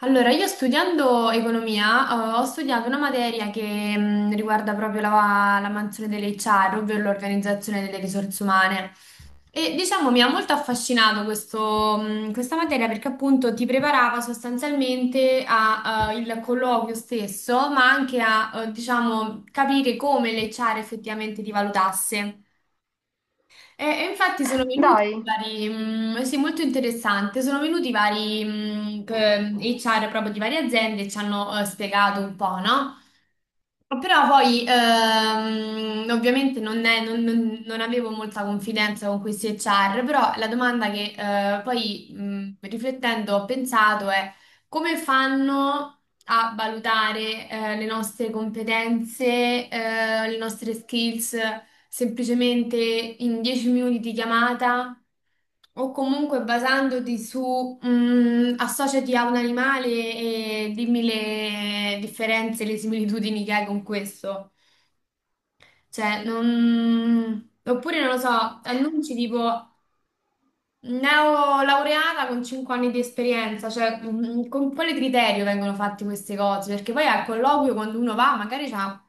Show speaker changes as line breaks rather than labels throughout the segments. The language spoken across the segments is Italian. Allora, io studiando economia, ho studiato una materia che riguarda proprio la mansione dell'HR, ovvero l'organizzazione delle risorse umane. E diciamo mi ha molto affascinato questo, questa materia perché appunto ti preparava sostanzialmente al colloquio stesso, ma anche a, diciamo, capire come l'HR effettivamente ti valutasse. E infatti sono venuti
Dai.
sì, molto interessante, sono venuti vari HR proprio di varie aziende e ci hanno spiegato un po', no? Però poi ovviamente non, è- non- non- non avevo molta confidenza con questi HR, però la domanda che poi riflettendo ho pensato è come fanno a valutare le nostre competenze, le nostre skills? Semplicemente in 10 minuti di chiamata o comunque basandoti su associati a un animale e dimmi le differenze, le similitudini che hai con questo. Cioè, non... Oppure, non lo so, annunci tipo neolaureata con 5 anni di esperienza, cioè con quale criterio vengono fatte queste cose? Perché poi al colloquio quando uno va magari c'ha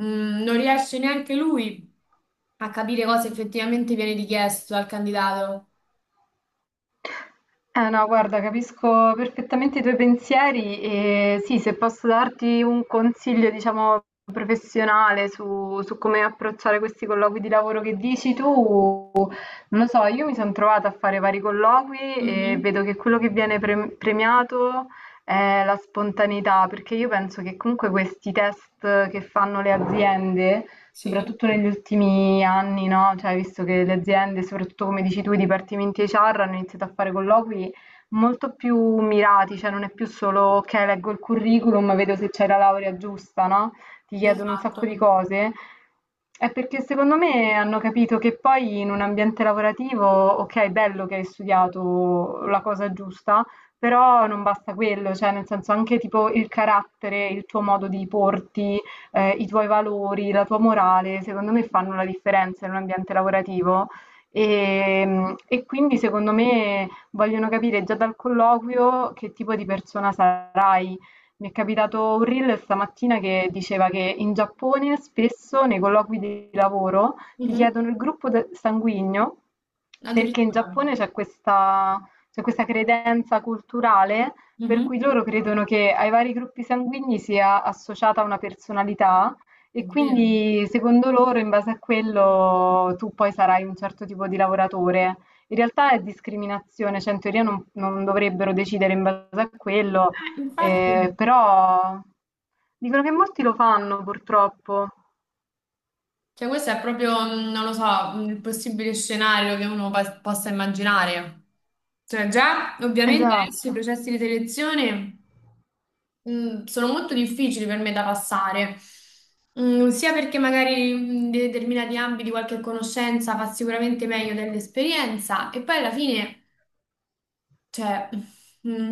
Non riesce neanche lui a capire cosa effettivamente viene richiesto al candidato.
Eh no, guarda, capisco perfettamente i tuoi pensieri e sì, se posso darti un consiglio, diciamo, professionale su come approcciare questi colloqui di lavoro che dici tu. Non lo so, io mi sono trovata a fare vari colloqui e
Mhm.
vedo che quello che viene premiato è la spontaneità, perché io penso che comunque questi test che fanno le aziende,
Sì.
soprattutto negli ultimi anni, no? Cioè, visto che le aziende, soprattutto come dici tu, i dipartimenti HR hanno iniziato a fare colloqui molto più mirati, cioè non è più solo ok, leggo il curriculum, vedo se c'è la laurea giusta, no? Ti chiedono un sacco
Esatto.
di cose, è perché secondo me hanno capito che poi in un ambiente lavorativo, ok, è bello che hai studiato la cosa giusta, però non basta quello, cioè nel senso anche tipo il carattere, il tuo modo di porti, i tuoi valori, la tua morale, secondo me fanno la differenza in un ambiente lavorativo. E quindi secondo me vogliono capire già dal colloquio che tipo di persona sarai. Mi è capitato un reel stamattina che diceva che in Giappone spesso nei colloqui di lavoro ti
Mhm.
chiedono il gruppo sanguigno perché in
Addirittura.
Giappone c'è questa credenza culturale per
Mhm.
cui loro credono che ai vari gruppi sanguigni sia associata una personalità e
Oddio.
quindi secondo loro in base a quello tu poi sarai un certo tipo di lavoratore. In realtà è discriminazione, cioè in teoria non dovrebbero decidere in base a quello.
Infatti,
Però dicono che molti lo fanno purtroppo.
cioè questo è proprio, non lo so, il possibile scenario che uno possa immaginare. Cioè già, ovviamente adesso
Esatto.
i processi di selezione sono molto difficili per me da passare, sia perché magari in determinati ambiti qualche conoscenza fa sicuramente meglio dell'esperienza e poi alla fine, cioè, mm,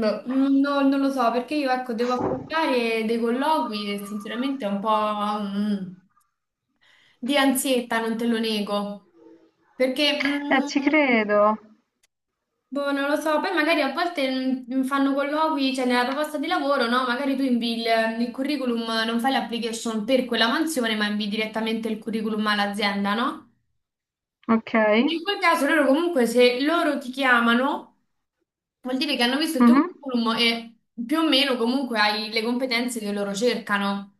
non lo so, perché io ecco devo affrontare dei colloqui e sinceramente è un po' di ansietta, non te lo nego, perché...
Ci
mm,
credo.
Boh, non lo so, poi magari a volte fanno colloqui, cioè nella proposta di lavoro, no? Magari tu invi il curriculum, non fai l'application per quella mansione, ma invi direttamente il curriculum all'azienda, no?
Okay.
In quel caso loro comunque se loro ti chiamano vuol dire che hanno visto il tuo
Mh-mh.
curriculum e più o meno comunque hai le competenze che loro cercano.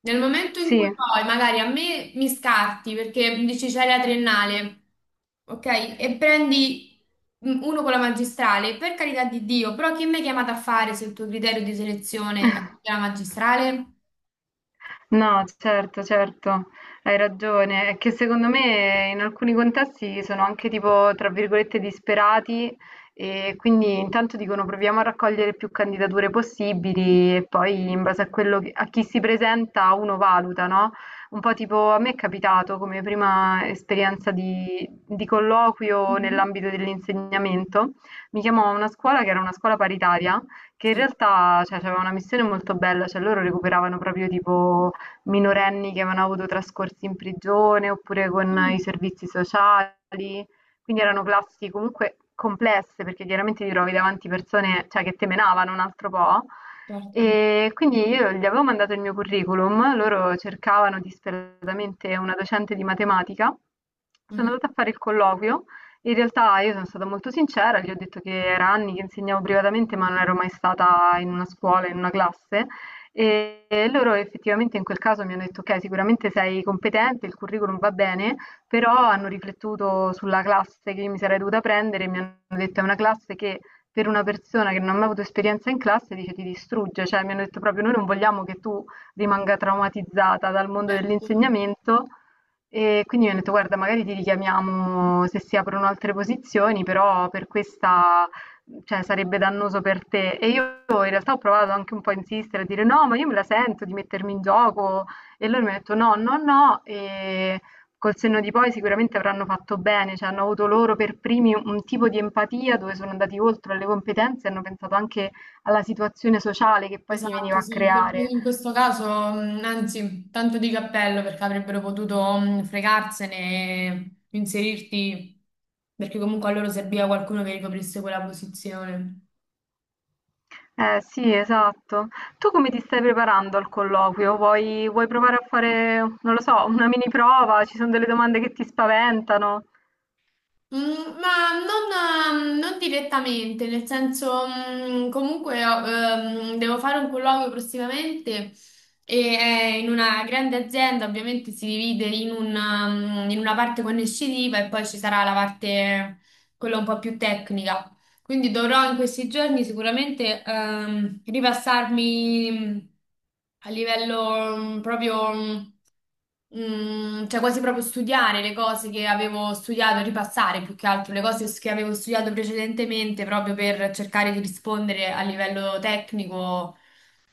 Nel momento in
Sì.
cui poi magari a me mi scarti perché dici c'hai la triennale, ok? E prendi uno con la magistrale, per carità di Dio, però chi mi hai chiamato a fare se il tuo criterio di selezione è la magistrale?
No, certo, certo, hai ragione. È che secondo me in alcuni contesti sono anche tipo, tra virgolette, disperati e quindi intanto dicono proviamo a raccogliere più candidature possibili e poi in base a quello a chi si presenta uno valuta, no? Un po' tipo a me è capitato come prima esperienza di colloquio
Mhm.
nell'ambito dell'insegnamento, mi chiamò una scuola che era una scuola paritaria che in
Sì.
realtà, cioè, aveva una missione molto bella, cioè loro recuperavano proprio tipo minorenni che avevano avuto trascorsi in prigione oppure con i
Mm,
servizi sociali, quindi erano classi comunque complesse perché chiaramente ti trovi davanti persone, cioè, che temenavano un altro po'.
certo.
E quindi io gli avevo mandato il mio curriculum, loro cercavano disperatamente una docente di matematica. Sono
Mhm.
andata a fare il colloquio. In realtà io sono stata molto sincera, gli ho detto che era anni che insegnavo privatamente, ma non ero mai stata in una scuola, in una classe. E loro effettivamente in quel caso mi hanno detto: "Okay, sicuramente sei competente, il curriculum va bene", però hanno riflettuto sulla classe che io mi sarei dovuta prendere e mi hanno detto: "È una classe che per una persona che non ha mai avuto esperienza in classe", dice, "ti distrugge". Cioè, mi hanno detto proprio: "Noi non vogliamo che tu rimanga traumatizzata dal mondo
Certo.
dell'insegnamento". E quindi mi hanno detto: "Guarda, magari ti richiamiamo se si aprono altre posizioni, però per questa cioè sarebbe dannoso per te. E io in realtà ho provato anche un po' a insistere, a dire: "No, ma io me la sento di mettermi in gioco". E loro mi han detto: "No, no, no". E col senno di poi sicuramente avranno fatto bene, cioè hanno avuto loro per primi un tipo di empatia dove sono andati oltre alle competenze e hanno pensato anche alla situazione sociale che poi si veniva
Esatto,
a
sì,
creare.
in questo caso, anzi, tanto di cappello perché avrebbero potuto fregarsene, e inserirti, perché comunque a loro serviva qualcuno che ricoprisse quella posizione.
Eh sì, esatto. Tu come ti stai preparando al colloquio? Vuoi provare a fare, non lo so, una mini prova? Ci son delle domande che ti spaventano?
Ma non, non direttamente, nel senso, comunque devo fare un colloquio prossimamente e è in una grande azienda, ovviamente si divide in una, in una parte conoscitiva e poi ci sarà la parte, quella un po' più tecnica. Quindi dovrò in questi giorni sicuramente ripassarmi a livello cioè quasi proprio studiare le cose che avevo studiato, ripassare più che altro le cose che avevo studiato precedentemente proprio per cercare di rispondere a livello tecnico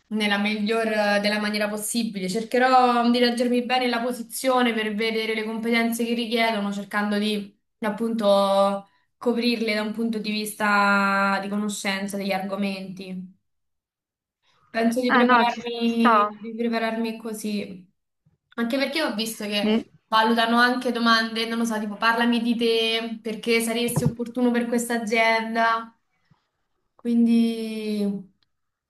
nella miglior della maniera possibile. Cercherò di leggermi bene la posizione per vedere le competenze che richiedono, cercando di appunto coprirle da un punto di vista di conoscenza degli argomenti. Penso
Eh no, ci sta.
di prepararmi così. Anche perché ho visto
Di-
che valutano anche domande, non lo so, tipo parlami di te, perché saresti opportuno per questa azienda. Quindi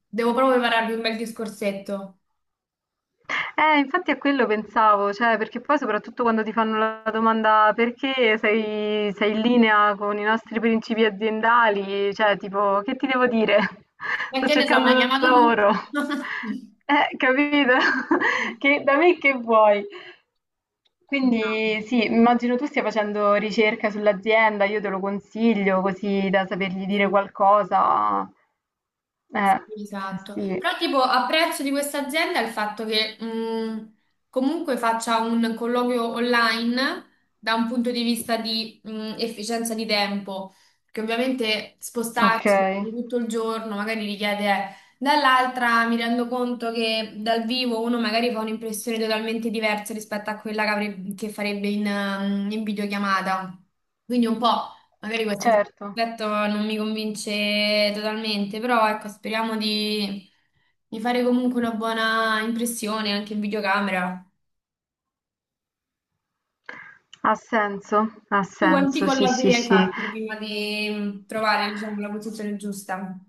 devo proprio prepararmi un bel discorsetto.
Infatti a quello pensavo, cioè, perché poi soprattutto quando ti fanno la domanda perché sei in linea con i nostri principi aziendali, cioè, tipo, che ti devo dire?
E
Sto
che ne so, mi
cercando
hai
un
chiamato tu?
lavoro. Capito? Che, da me che vuoi?
No.
Quindi sì, immagino tu stia facendo ricerca sull'azienda, io te lo consiglio così da sapergli dire
Sì.
qualcosa. Eh,
Esatto,
sì.
però tipo apprezzo di questa azienda il fatto che comunque faccia un colloquio online da un punto di vista di efficienza di tempo, che ovviamente spostarsi
Okay,
per tutto il giorno magari richiede, eh. Dall'altra mi rendo conto che dal vivo uno magari fa un'impressione totalmente diversa rispetto a quella che, che farebbe in, in videochiamata, quindi un po'. Magari questo
certo.
aspetto non mi convince totalmente, però ecco, speriamo di fare comunque una buona impressione anche in videocamera.
Ha senso, ha
Tu quanti
senso, sì, sì,
collabori hai
sì.
fatto prima di trovare, diciamo, la posizione giusta?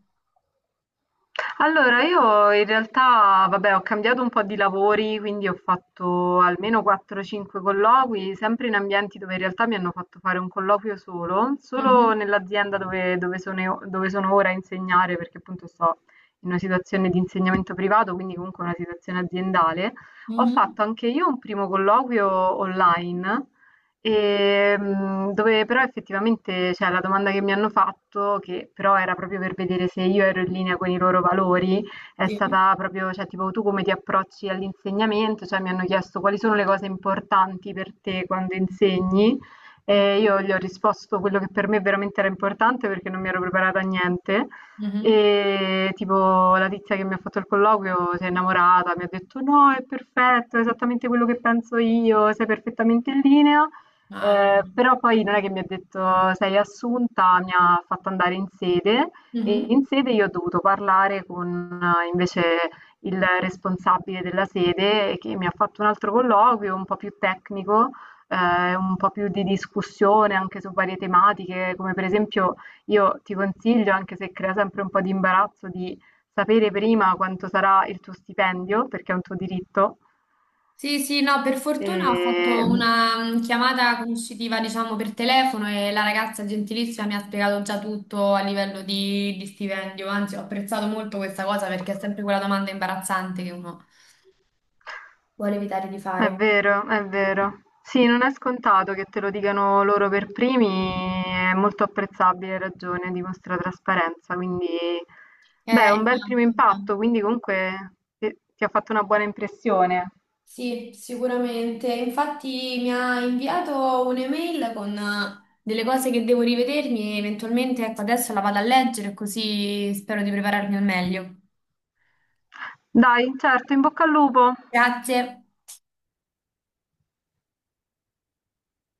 Allora, io in realtà, vabbè, ho cambiato un po' di lavori, quindi ho fatto almeno 4-5 colloqui, sempre in ambienti dove in realtà mi hanno fatto fare un colloquio solo,
Mhm.
solo nell'azienda dove dove sono ora a insegnare, perché appunto sto in una situazione di insegnamento privato, quindi comunque una situazione aziendale. Ho
Mhm.
fatto anche io un primo colloquio online. Dove però effettivamente, cioè, la domanda che mi hanno fatto, che però era proprio per vedere se io ero in linea con i loro valori, è
Sì.
stata proprio, cioè, tipo, tu come ti approcci all'insegnamento? Cioè, mi hanno chiesto quali sono le cose importanti per te quando insegni.
Ok.
E io gli ho risposto quello che per me veramente era importante perché non mi ero preparata a niente.
Mhm.
E tipo la tizia che mi ha fatto il colloquio si è innamorata, mi ha detto no, è perfetto, è esattamente quello che penso io, sei perfettamente in linea.
Ah, vedi.
Però poi non è che mi ha detto: "Sei assunta", mi ha fatto andare in sede e
Mhm.
in sede io ho dovuto parlare con invece il responsabile della sede che mi ha fatto un altro colloquio un po' più tecnico, un po' più di discussione anche su varie tematiche, come per esempio io ti consiglio, anche se crea sempre un po' di imbarazzo, di sapere prima quanto sarà il tuo stipendio, perché è un tuo diritto.
Sì, sì, no, per fortuna ho fatto
Ehm
una chiamata conoscitiva, diciamo, per telefono e la ragazza gentilissima mi ha spiegato già tutto a livello di stipendio, anzi ho apprezzato molto questa cosa perché è sempre quella domanda imbarazzante che uno vuole evitare di
È
fare.
vero, è vero. Sì, non è scontato che te lo dicano loro per primi, è molto apprezzabile, hai ragione, dimostra trasparenza, quindi beh, è
Eh,
un bel primo
esatto,
impatto,
esatto.
quindi comunque ti ha fatto una buona impressione.
Sì, sicuramente. Infatti mi ha inviato un'email con delle cose che devo rivedermi e eventualmente, ecco, adesso la vado a leggere così spero di prepararmi al meglio.
Dai, certo, in bocca al lupo.
Grazie.